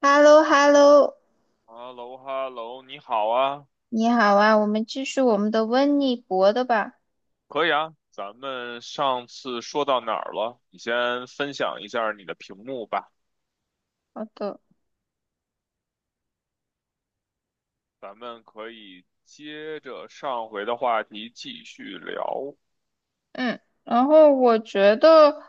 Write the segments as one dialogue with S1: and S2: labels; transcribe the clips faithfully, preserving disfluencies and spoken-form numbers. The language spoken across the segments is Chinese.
S1: h e l l o h e l l o
S2: 哈喽哈喽，你好啊，
S1: 你好啊，我们继续我们的温尼伯的吧。
S2: 可以啊，咱们上次说到哪儿了？你先分享一下你的屏幕吧，
S1: 好的。
S2: 咱们可以接着上回的话题继续聊，
S1: 嗯。然后我觉得，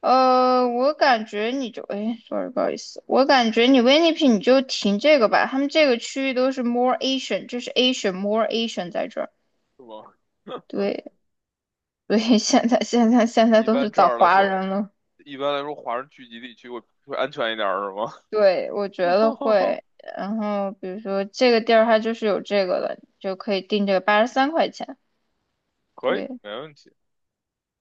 S1: 呃，我感觉你就，哎，sorry，不好意思，我感觉你温尼 n 你就停这个吧。他们这个区域都是 more Asian，这是 Asian more Asian 在这儿。
S2: 是吗？
S1: 对。所以现在现在现在
S2: 一
S1: 都是
S2: 般这
S1: 找
S2: 样来
S1: 华
S2: 说，
S1: 人了。
S2: 一般来说，华人聚集地区会会安全一点儿，是吗？
S1: 对，我觉得 会。然后比如说这个地儿它就是有这个了，就可以定这个八十三块钱。
S2: 可以，
S1: 对。
S2: 没问题。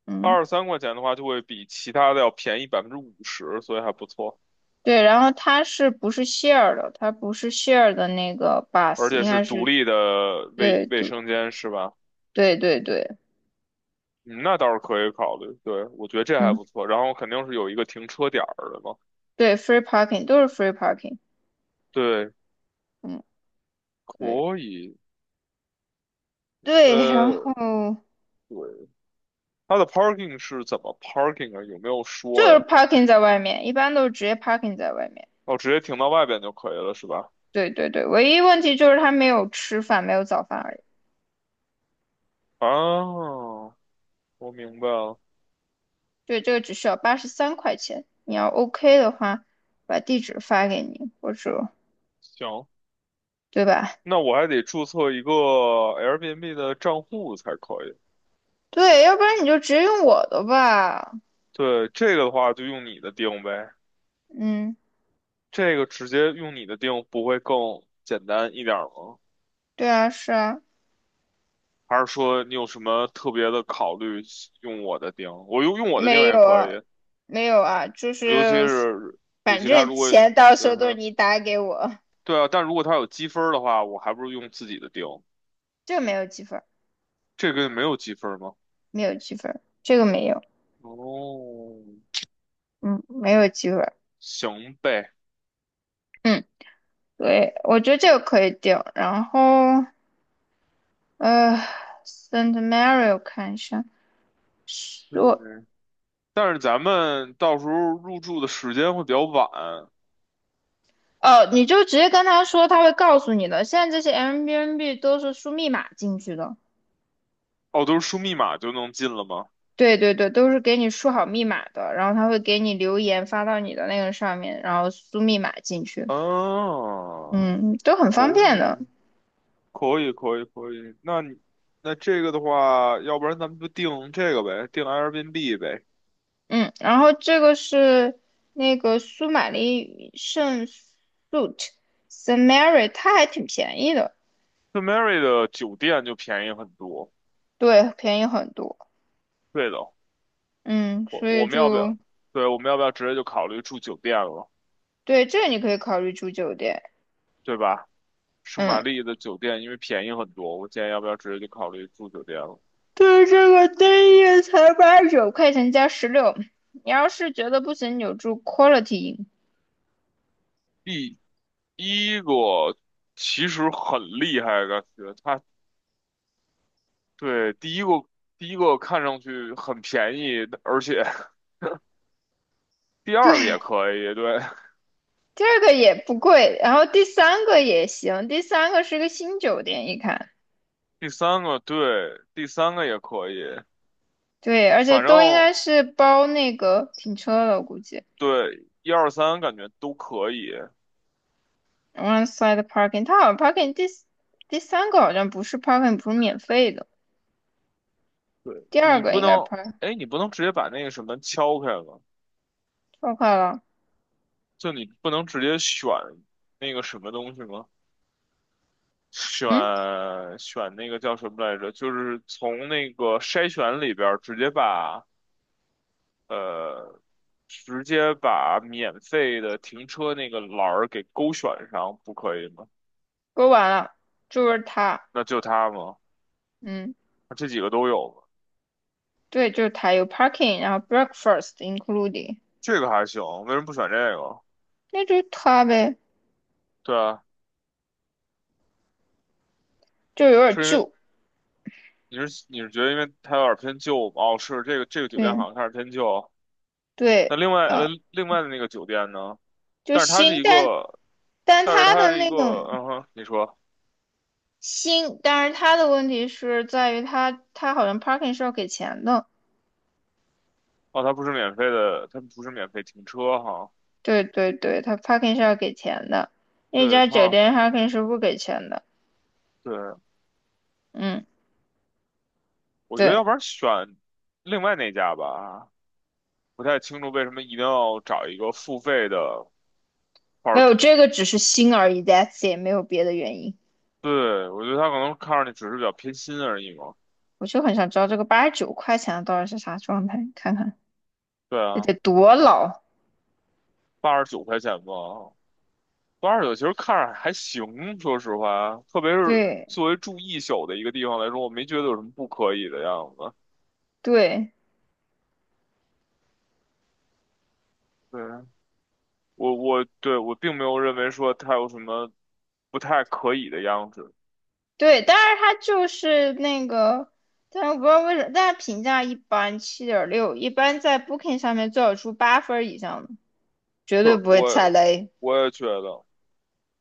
S1: 嗯。
S2: 二十三块钱的话，就会比其他的要便宜百分之五十，所以还不错，
S1: 对，然后它是不是 share 的？它不是 share 的那个
S2: 而
S1: bus，
S2: 且
S1: 应
S2: 是
S1: 该
S2: 独
S1: 是。
S2: 立的卫
S1: 对
S2: 卫
S1: 对
S2: 生间，是吧？
S1: 对对对。
S2: 嗯，那倒是可以考虑，对，我觉得这还
S1: 嗯。
S2: 不错。然后肯定是有一个停车点儿的嘛，
S1: 对，free parking 都是 free parking。
S2: 对，
S1: 嗯。对
S2: 可以。
S1: 对。然后
S2: 呃，对，它的 parking 是怎么 parking 啊？有没有
S1: 就
S2: 说
S1: 是
S2: 呀？
S1: parking 在外面，一般都是直接 parking 在外面。
S2: 哦，直接停到外边就可以了，是吧？
S1: 对对对，唯一问题就是他没有吃饭，没有早饭而已。
S2: 啊，我明白了。
S1: 对，这个只需要八十三块钱，你要 OK 的话，把地址发给你，或者，
S2: 行，
S1: 对吧？
S2: 那我还得注册一个 Airbnb 的账户才可以。
S1: 对，要不然你就直接用我的吧。
S2: 对，这个的话就用你的定呗，
S1: 嗯。
S2: 这个直接用你的定不会更简单一点儿吗？
S1: 对啊，是啊。
S2: 还是说你有什么特别的考虑用我的钉？我用用我的钉
S1: 没
S2: 也
S1: 有
S2: 可
S1: 啊，
S2: 以，
S1: 没有啊，就
S2: 尤其
S1: 是
S2: 是尤
S1: 反
S2: 其他
S1: 正
S2: 如果，
S1: 钱到时候
S2: 嗯
S1: 都是
S2: 哼，
S1: 你打给我。
S2: 对啊，但如果他有积分儿的话，我还不如用自己的钉。
S1: 这个没有积分儿。
S2: 这个没有积分儿吗？
S1: 没有积分儿，这个没有。
S2: 哦，
S1: 嗯，没有积分儿。
S2: 行呗。
S1: 嗯。对，我觉得这个可以定。然后呃，Saint Mary 我看一下，说。
S2: 嗯，但是咱们到时候入住的时间会比较晚。
S1: 哦，你就直接跟他说，他会告诉你的。现在这些 Airbnb 都是输密码进去的。
S2: 哦，都是输密码就能进了吗？
S1: 对对对，都是给你输好密码的，然后他会给你留言发到你的那个上面，然后输密码进去。
S2: 啊，
S1: 嗯，都很
S2: 可
S1: 方便的。
S2: 以。可以，可以，可以。那你那这个的话，要不然咱们就定这个呗，定 Airbnb 呗。
S1: 嗯，然后这个是那个苏玛丽圣 suit Samari，它还挺便宜的。
S2: 圣 Mary 的酒店就便宜很多。
S1: 对，便宜很多。
S2: 对的，
S1: 嗯，
S2: 我
S1: 所
S2: 我
S1: 以
S2: 们要不要？
S1: 就。
S2: 对，我们要不要直接就考虑住酒店了，
S1: 对，这个你可以考虑住酒店。
S2: 对吧？圣玛
S1: 嗯。
S2: 丽的酒店因为便宜很多，我建议要不要直接就考虑住酒店了。
S1: 对，这个单夜才八十九块钱加十六，你要是觉得不行，你就住 Quality i n。
S2: 第一个其实很厉害，感觉它对第一个第一个看上去很便宜，而且 第二个也
S1: 对，
S2: 可以，对。
S1: 第二个也不贵，然后第三个也行，第三个是个新酒店，一看。
S2: 第三个对，第三个也可以，
S1: 对，而且
S2: 反
S1: 都应
S2: 正
S1: 该是包那个停车的，估计
S2: 对一二三感觉都可以。
S1: o n e s i d e parking，它好像 parking 第四第三个好像不是 parking，不是免费的，
S2: 对
S1: 第二
S2: 你
S1: 个
S2: 不
S1: 应该
S2: 能，
S1: park
S2: 哎，你不能直接把那个什么敲开吗？
S1: 超快了。
S2: 就你不能直接选那个什么东西吗？选
S1: 嗯，
S2: 选那个叫什么来着？就是从那个筛选里边儿直接把呃，直接把免费的停车那个栏儿给勾选上，不可以吗？
S1: 说完了，就是它。
S2: 那就它吗？
S1: 嗯，
S2: 那这几个都有吗？
S1: 对，就是它有 parking，然后 breakfast including。
S2: 这个还行，为什么不选这个？
S1: 那就是它呗，
S2: 对啊，
S1: 就是有点
S2: 是因为
S1: 旧。
S2: 你是你是觉得因为它有点偏旧吗？哦，是这个这个酒店
S1: 对
S2: 好像开始偏旧。那
S1: 对。
S2: 另外
S1: 啊，
S2: 呃另外的那个酒店呢？
S1: 就
S2: 但是它是
S1: 新，
S2: 一
S1: 但
S2: 个，
S1: 但
S2: 但是
S1: 它
S2: 它
S1: 的
S2: 是一
S1: 那
S2: 个，
S1: 种
S2: 嗯哼，你说，
S1: 新，但是它的问题是在于它它好像 parking 是要给钱的。
S2: 哦，它不是免费的，它不是免费停车哈。
S1: 对对对，他 parking 是要给钱的，那
S2: 对，
S1: 家酒
S2: 它
S1: 店 parking 是不给钱的。
S2: 对，
S1: 嗯，
S2: 我觉得要
S1: 对，
S2: 不然选另外那家吧，不太清楚为什么一定要找一个付费的
S1: 没有，
S2: parking。
S1: 这个只是新而已，that's 也没有别的原因。
S2: 对，我觉得他可能看上去只是比较偏心而已嘛。
S1: 我就很想知道这个八十九块钱的到底是啥状态，看看
S2: 对
S1: 这
S2: 啊。
S1: 得多老。
S2: 八十九块钱吧，八十九其实看着还行，说实话，特别是
S1: 对
S2: 作为住一宿的一个地方来说，我没觉得有什么不可以的样子。
S1: 对
S2: 对，我我对我并没有认为说它有什么不太可以的样子，
S1: 对，但是它就是那个，但是我不知道为什么，但是评价一般，七点六，一般在 Booking 上面最好出八分儿以上的，绝
S2: 就
S1: 对
S2: 是
S1: 不会踩
S2: 我
S1: 雷。
S2: 我也觉得，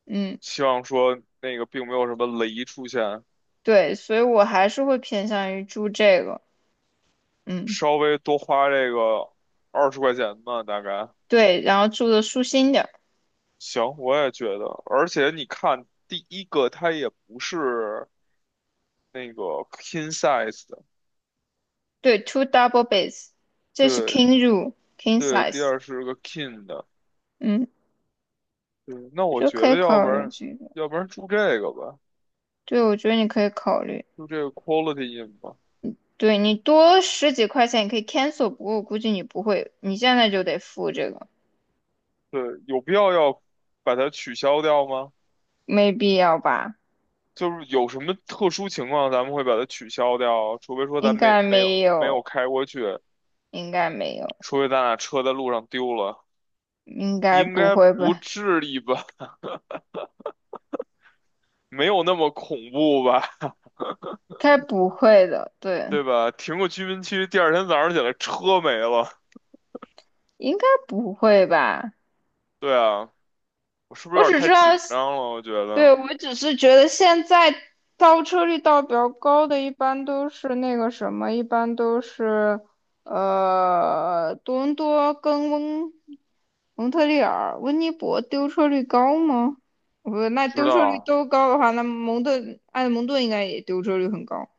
S1: 嗯，
S2: 希望说那个并没有什么雷出现，
S1: 对，所以我还是会偏向于住这个。嗯。
S2: 稍微多花这个二十块钱吧，大概
S1: 对，然后住的舒心点儿。
S2: 行，我也觉得，而且你看第一个它也不是那个 king size。
S1: 对，two double beds，这是
S2: 对
S1: king room king
S2: 对，第
S1: size。
S2: 二是个 king 的，
S1: 嗯，
S2: 对，那
S1: 我
S2: 我
S1: 觉得可
S2: 觉
S1: 以
S2: 得要
S1: 考
S2: 不
S1: 虑
S2: 然，
S1: 这个。
S2: 要不然住这个吧，
S1: 对，我觉得你可以考虑。
S2: 住这个 quality in 吧，
S1: 对，你多十几块钱，你可以 cancel，不过我估计你不会，你现在就得付这个。
S2: 对，有必要要把它取消掉吗？
S1: 没必要吧？
S2: 就是有什么特殊情况咱们会把它取消掉，除非说
S1: 应
S2: 咱没
S1: 该
S2: 没
S1: 没
S2: 有没有
S1: 有，
S2: 开过去，
S1: 应该没有，
S2: 除非咱俩车在路上丢了，
S1: 应该
S2: 应
S1: 不
S2: 该
S1: 会
S2: 不
S1: 吧？
S2: 至于吧？没有那么恐怖吧？
S1: 该不会的。对，
S2: 对吧？停个居民区，第二天早上起来车没了，
S1: 应该不会吧？
S2: 对啊，我是不是
S1: 我
S2: 有点
S1: 只
S2: 太
S1: 知道。
S2: 紧张了？我觉得。
S1: 对，我只是觉得现在倒车率倒比较高的，一般都是那个什么，一般都是呃多伦多跟温蒙特利尔、温尼伯丢车率高吗？不，那
S2: 不知
S1: 丢车率
S2: 道，
S1: 都高的话，那蒙特埃德蒙顿应该也丢车率很高。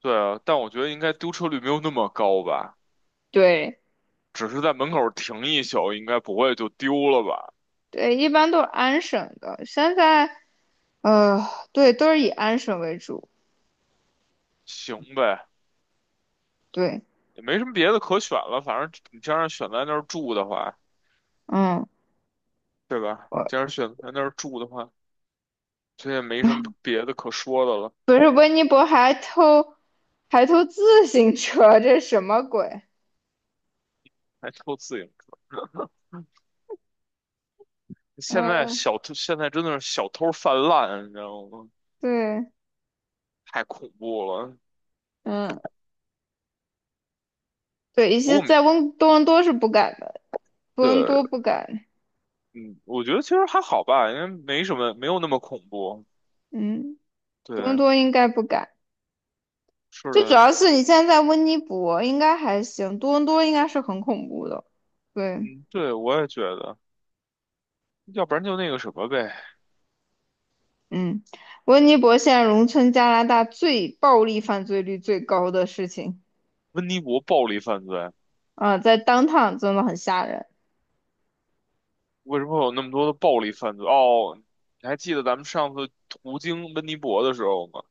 S2: 对啊，但我觉得应该丢车率没有那么高吧，
S1: 对
S2: 只是在门口停一宿，应该不会就丢了吧？
S1: 对，一般都是安省的，现在呃对，都是以安省为主。
S2: 行呗，
S1: 对。
S2: 也没什么别的可选了，反正你既然选在那儿住的话，
S1: 嗯。
S2: 对吧？既然选在那儿住的话，这也没什么别的可说的了，
S1: 不是温尼伯还偷还偷自行车，这是什么鬼？
S2: 还偷自行车。现在
S1: 嗯。
S2: 小偷现在真的是小偷泛滥，你知道吗？
S1: 对。
S2: 太恐怖了。
S1: 嗯。对，一
S2: 不过
S1: 些
S2: 我们
S1: 在温多伦多是不敢的，多伦
S2: 对，
S1: 多不敢。
S2: 嗯，我觉得其实还好吧，因为没什么，没有那么恐怖。
S1: 嗯，多伦
S2: 对，
S1: 多应该不敢。
S2: 是
S1: 最主
S2: 的。
S1: 要是你现在在温尼伯应该还行，多伦多应该是很恐怖的。对。
S2: 嗯，对，我也觉得，要不然就那个什么呗，
S1: 嗯，温尼伯现在农村加拿大最暴力犯罪率最高的事情
S2: 温尼伯暴力犯罪，
S1: 啊，在 downtown 真的很吓人。
S2: 为什么会有那么多的暴力犯罪？哦，你还记得咱们上次途经温尼伯的时候吗？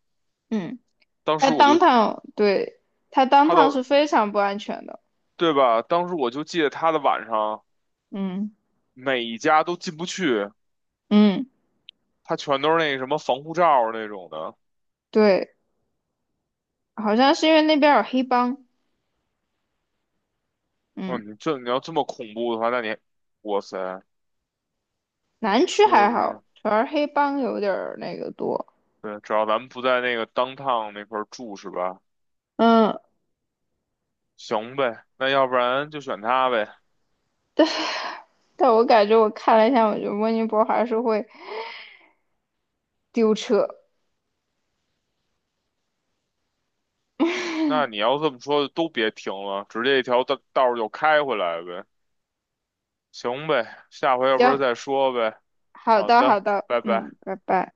S1: 嗯。
S2: 当
S1: 它
S2: 时我
S1: 当
S2: 就
S1: 趟，对，它当
S2: 他
S1: 趟是
S2: 的，
S1: 非常不安全的。
S2: 对吧？当时我就记得他的晚上
S1: 嗯
S2: 每一家都进不去，
S1: 嗯，
S2: 他全都是那个什么防护罩儿那种的。
S1: 对，好像是因为那边有黑帮。
S2: 哦，
S1: 嗯，
S2: 你这你要这么恐怖的话，那你，哇塞，
S1: 南区
S2: 说
S1: 还
S2: 是，
S1: 好，主要是黑帮有点儿那个多。
S2: 对，只要咱们不在那个 downtown 那块儿住是吧？
S1: 嗯，
S2: 行呗，那要不然就选他呗。
S1: 但我感觉我看了一下，我觉得温尼伯还是会丢车。
S2: 那你要这么说，都别停了，直接一条道道儿就开回来呗。行呗，下回要不然
S1: 行，
S2: 再说呗。
S1: 好
S2: 好
S1: 的好
S2: 的，
S1: 的，
S2: 拜拜。
S1: 嗯，拜拜。